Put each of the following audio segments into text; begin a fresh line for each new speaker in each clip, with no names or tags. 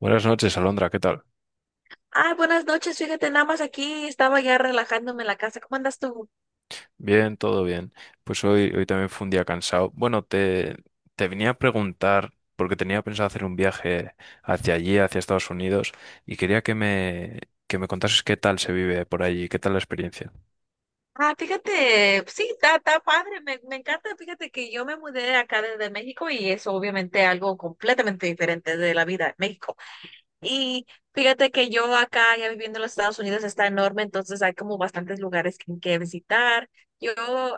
Buenas noches, Alondra, ¿qué tal?
Ay, buenas noches, fíjate, nada más aquí estaba ya relajándome en la casa. ¿Cómo andas tú?
Bien, todo bien. Pues hoy también fue un día cansado. Bueno, te venía a preguntar, porque tenía pensado hacer un viaje hacia allí, hacia Estados Unidos, y quería que me contases qué tal se vive por allí, qué tal la experiencia.
Fíjate, sí, está, está padre, me encanta, fíjate que yo me mudé acá desde México y es obviamente algo completamente diferente de la vida en México. Y fíjate que yo acá ya viviendo en los Estados Unidos está enorme, entonces hay como bastantes lugares que visitar. Yo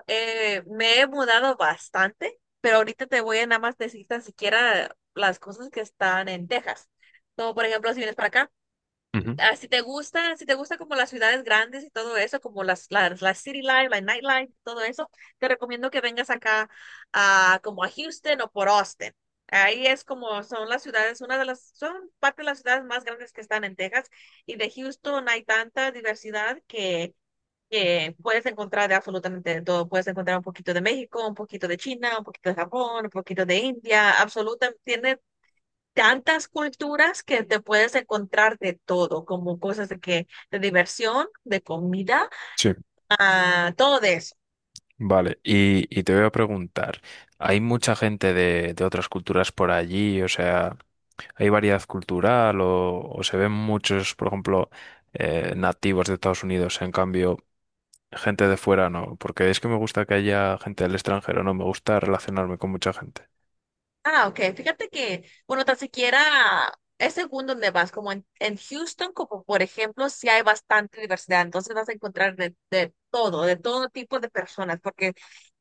me he mudado bastante, pero ahorita te voy a nada más decir tan siquiera las cosas que están en Texas. Como por ejemplo, si vienes para acá.
Ujú.
Si te gusta, si te gusta como las ciudades grandes y todo eso, como las city life, la nightlife todo eso, te recomiendo que vengas acá a, como a Houston o por Austin. Ahí es como son las ciudades, una de las, son parte de las ciudades más grandes que están en Texas y de Houston hay tanta diversidad que puedes encontrar de absolutamente todo. Puedes encontrar un poquito de México, un poquito de China, un poquito de Japón, un poquito de India, absolutamente, tantas culturas que te puedes encontrar de todo, como cosas de que, de diversión, de comida,
Sí.
todo de eso.
Vale, y te voy a preguntar, ¿hay mucha gente de otras culturas por allí? O sea, ¿hay variedad cultural o se ven muchos, por ejemplo, nativos de Estados Unidos, en cambio... Gente de fuera no, porque es que me gusta que haya gente del extranjero, no, me gusta relacionarme con mucha gente.
Ok. Fíjate que, bueno, tan siquiera es según donde vas, como en Houston, como por ejemplo, sí hay bastante diversidad, entonces vas a encontrar de todo tipo de personas, porque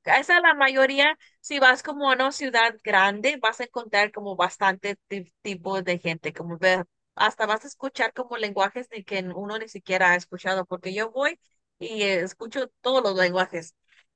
esa es la mayoría, si vas como a una ciudad grande, vas a encontrar como bastante tipo de gente, como ver, hasta vas a escuchar como lenguajes de que uno ni siquiera ha escuchado, porque yo voy y escucho todos los lenguajes.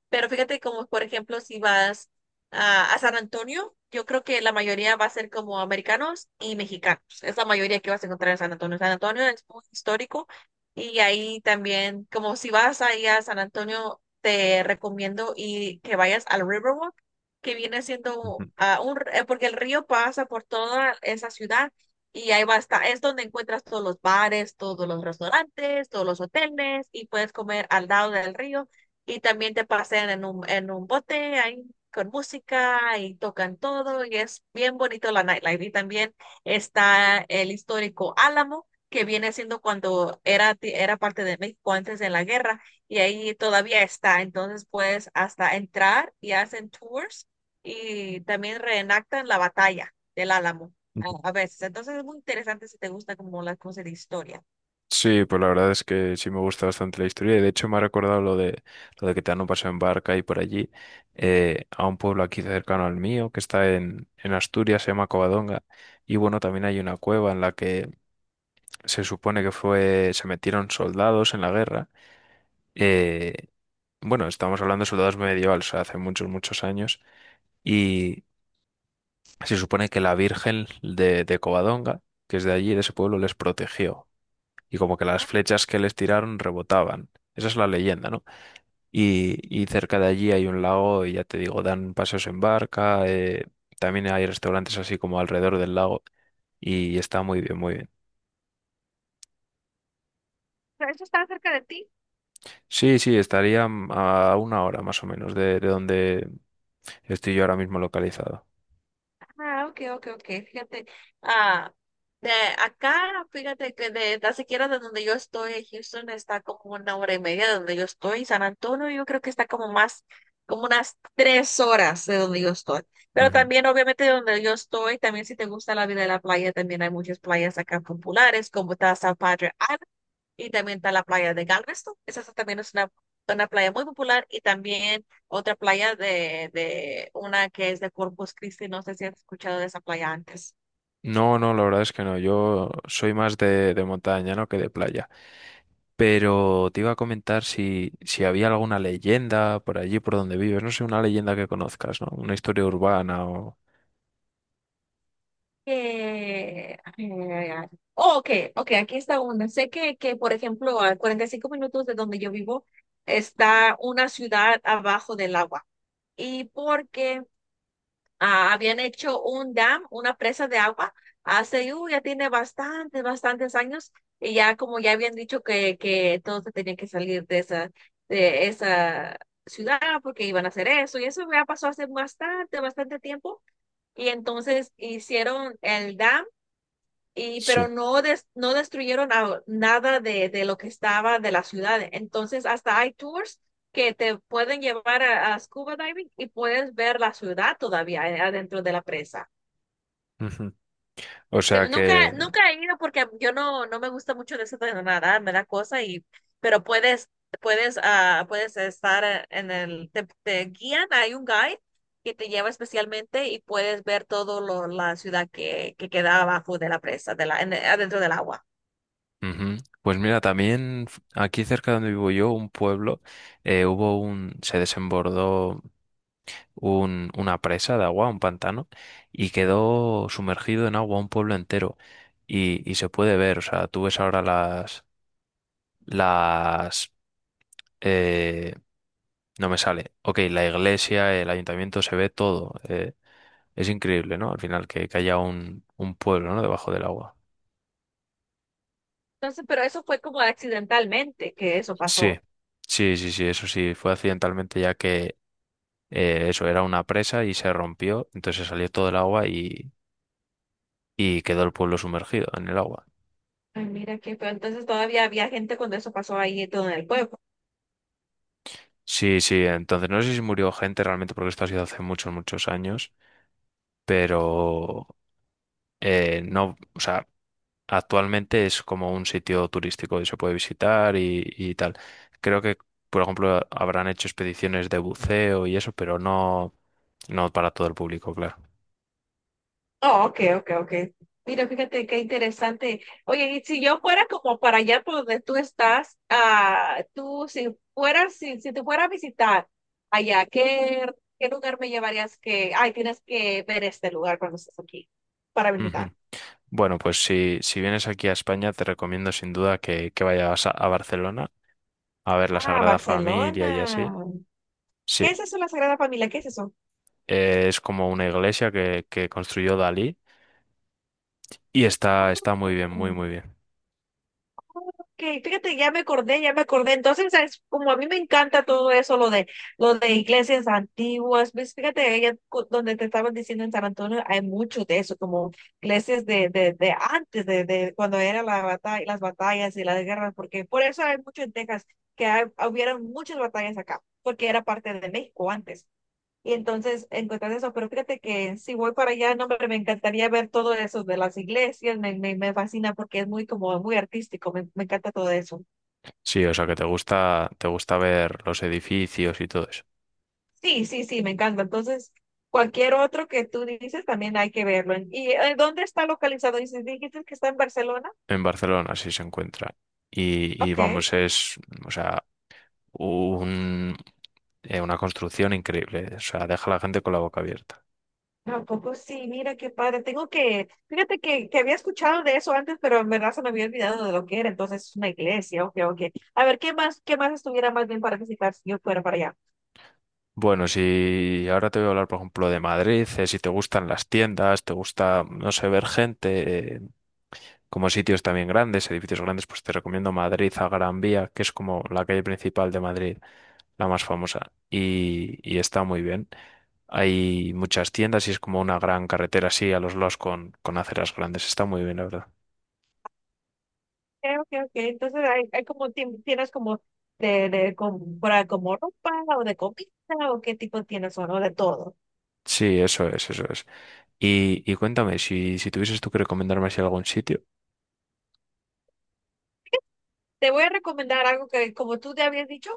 Pero fíjate como, por ejemplo, si vas a San Antonio, yo creo que la mayoría va a ser como americanos y mexicanos. Es la mayoría que vas a encontrar en San Antonio. San Antonio es muy histórico y ahí también, como si vas ahí a San Antonio, te recomiendo y que vayas al Riverwalk, que viene siendo
Ujú,
porque el río pasa por toda esa ciudad. Y ahí va a estar, es donde encuentras todos los bares, todos los restaurantes, todos los hoteles y puedes comer al lado del río y también te pasean en en un bote ahí con música y tocan todo y es bien bonito la nightlife. Y también está el histórico Álamo, que viene siendo cuando era parte de México antes de la guerra y ahí todavía está. Entonces puedes hasta entrar y hacen tours y también reenactan la batalla del Álamo
ujú.
a veces. Entonces es muy interesante si te gusta como las cosas de historia.
Sí, pues la verdad es que sí me gusta bastante la historia y de hecho me ha recordado lo de que te dan un paseo en barca y por allí a un pueblo aquí cercano al mío que está en Asturias, se llama Covadonga y bueno, también hay una cueva en la que se supone que se metieron soldados en la guerra. eh, bueno, estamos hablando de soldados medievales, o sea, hace muchos, muchos años. Se supone que la Virgen de Covadonga, que es de allí, de ese pueblo, les protegió. Y como que las flechas que les tiraron rebotaban. Esa es la leyenda, ¿no? Y cerca de allí hay un lago y ya te digo, dan paseos en barca. También hay restaurantes así como alrededor del lago. Y está muy bien, muy bien.
¿Eso está cerca de ti?
Sí, sí, estaría a una hora más o menos de donde estoy yo ahora mismo localizado.
Ok, ok, ok. Fíjate, ah, de acá, fíjate que de tan siquiera de donde yo estoy, Houston está como 1 hora y media de donde yo estoy. San Antonio, yo creo que está como más, como unas 3 horas de donde yo estoy. Pero
Ujú.
también, obviamente, de donde yo estoy, también si te gusta la vida de la playa, también hay muchas playas acá populares, como está San Padre y también está la playa de Galveston. También es una playa muy popular. Y también otra playa de una que es de Corpus Christi. No sé si has escuchado de esa playa antes.
No, no, la verdad es que no. Yo soy más de montaña, ¿no? que de playa. Pero te iba a comentar si había alguna leyenda por allí, por donde vives. No sé, una leyenda que conozcas, ¿no? Una historia urbana o...
Ay, ay, ay, ay. Oh, ok, ok, aquí está una. Sé que, por ejemplo, a 45 minutos de donde yo vivo está una ciudad abajo del agua. ¿Y porque habían hecho un dam, una presa de agua, hace, ya tiene bastantes años, y ya como ya habían dicho que todos se tenían que salir de esa ciudad porque iban a hacer eso, y eso ya pasó hace bastante tiempo, y entonces hicieron el dam y,
Sí.
pero no, no destruyeron nada de lo que estaba de la ciudad. Entonces, hasta hay tours que te pueden llevar a scuba diving y puedes ver la ciudad todavía adentro de la presa.
Ujú. O sea que...
Nunca he ido porque yo no, no me gusta mucho de eso de nadar, me da cosa y, pero puedes estar te guían, hay un guide que te lleva especialmente y puedes ver todo lo, la ciudad que queda abajo de la presa, adentro del agua.
Ujú. Pues mira, también aquí cerca de donde vivo yo, un pueblo, hubo un... se desbordó una presa de agua, un pantano, y quedó sumergido en agua un pueblo entero. Y se puede ver, o sea, tú ves ahora las, eh, no me sale. Ok, la iglesia, el ayuntamiento, se ve todo. Es increíble, ¿no? Al final, que haya un pueblo, ¿no? Debajo del agua.
Entonces, pero eso fue como accidentalmente que eso
Sí,
pasó.
sí, sí, sí, eso sí, fue accidentalmente ya que eso era una presa y se rompió, entonces salió todo el agua y quedó el pueblo sumergido en el agua.
Ay, mira qué feo. Entonces todavía había gente cuando eso pasó ahí y todo en el pueblo.
Sí, sí, entonces no sé si murió gente realmente porque esto ha sido hace muchos, muchos años, pero no, o sea, actualmente es como un sitio turístico y se puede visitar y tal. Creo que, por ejemplo, habrán hecho expediciones de buceo y eso, pero no, no para todo el público, claro.
Oh, ok, ok, ok. Mira, fíjate qué interesante. Oye, y si yo fuera como para allá por donde tú estás, tú si fueras, si te fuera a visitar allá, qué lugar me llevarías que, ay, tienes que ver este lugar cuando estés aquí para
Ujú.
visitar?
Bueno, pues si vienes aquí a España, te recomiendo sin duda que vayas a Barcelona a ver la
Ah,
Sagrada Familia
Barcelona.
y así. Sí,
¿Qué es eso, la Sagrada Familia? ¿Qué es eso?
es como una iglesia que construyó Dalí. Y está, está muy bien, muy,
Ok,
muy bien.
fíjate, ya me acordé, ya me acordé. Entonces, ¿sabes? Como a mí me encanta todo eso, lo de iglesias antiguas, ¿ves? Fíjate, donde te estaban diciendo en San Antonio, hay mucho de eso, como iglesias de antes, de cuando era la batalla, las batallas y las guerras, porque por eso hay mucho en Texas, que hubieron muchas batallas acá, porque era parte de México antes. Y entonces encuentras eso, pero fíjate que si voy para allá, no, hombre, me encantaría ver todo eso de las iglesias, me fascina porque es muy como muy artístico, me encanta todo eso.
Sí, o sea que te gusta ver los edificios y todo eso.
Sí, sí, sí, me encanta. Entonces, cualquier otro que tú dices también hay que verlo. ¿Y dónde está localizado? Dices, dijiste que está en Barcelona.
En Barcelona sí se encuentra. Y
Ok.
vamos, es, o sea, un, Una construcción increíble. O sea, deja a la gente con la boca abierta.
Tampoco sí, mira qué padre. Tengo que, fíjate que había escuchado de eso antes, pero en verdad se me había olvidado de lo que era. Entonces es una iglesia, ok, ok. A ver, qué más estuviera más bien para visitar si yo fuera para allá?
Bueno, si ahora te voy a hablar, por ejemplo, de Madrid, si te gustan las tiendas, te gusta, no sé, ver gente, como sitios también grandes, edificios grandes, pues te recomiendo Madrid a Gran Vía, que es como la calle principal de Madrid la más famosa, y está muy bien. Hay muchas tiendas y es como una gran carretera así a los lados con aceras grandes. Está muy bien, la verdad.
Ok, ok. Ok. Entonces hay como tienes como para como ropa o de comida o qué tipo tienes o no de todo.
Sí, eso es, eso es. Y cuéntame, si tuvieses tú que recomendarme así algún sitio.
Te voy a recomendar algo que, como tú te habías dicho,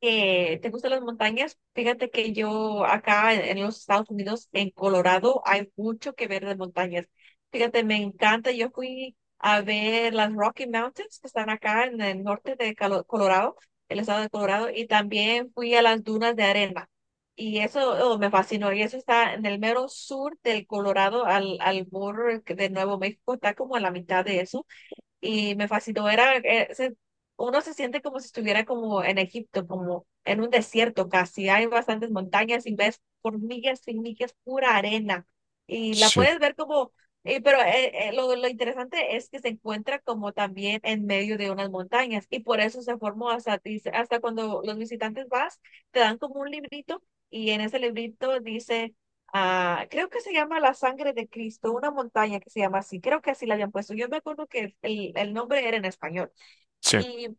que te gustan las montañas. Fíjate que yo acá en los Estados Unidos, en Colorado, hay mucho que ver de montañas. Fíjate, me encanta. Yo fui a ver las Rocky Mountains, que están acá en el norte de Colorado, el estado de Colorado, y también fui a las dunas de arena. Y eso oh, me fascinó. Y eso está en el mero sur del Colorado, al borde de Nuevo México. Está como a la mitad de eso y me fascinó. Uno se siente como si estuviera como en Egipto, como en un desierto casi. Hay bastantes montañas y ves hormigas y millas, pura arena. Y la
Sí,
puedes ver lo interesante es que se encuentra como también en medio de unas montañas. Y por eso se formó hasta cuando los visitantes vas, te dan como un librito. Y en ese librito dice creo que se llama La Sangre de Cristo, una montaña que se llama así, creo que así la habían puesto. Yo me acuerdo que el nombre era en español.
sí.
Y,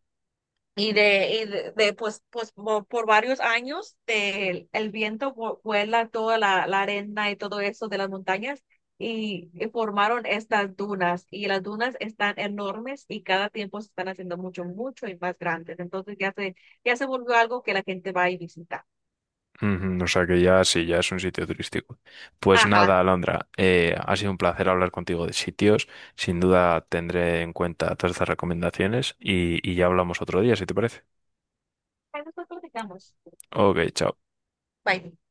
pues por varios años el viento vuela toda la arena y todo eso de las montañas y formaron estas dunas. Y las dunas están enormes y cada tiempo se están haciendo mucho, mucho y más grandes. Entonces ya se volvió algo que la gente va y visita.
Ujú. O sea que ya sí, ya es un sitio turístico. Pues
Ajá.
nada, Alondra, ha sido un placer hablar contigo de sitios. Sin duda tendré en cuenta todas estas recomendaciones y ya hablamos otro día, si te parece.
Ahí nosotros platicamos.
Ok, chao.
Bye.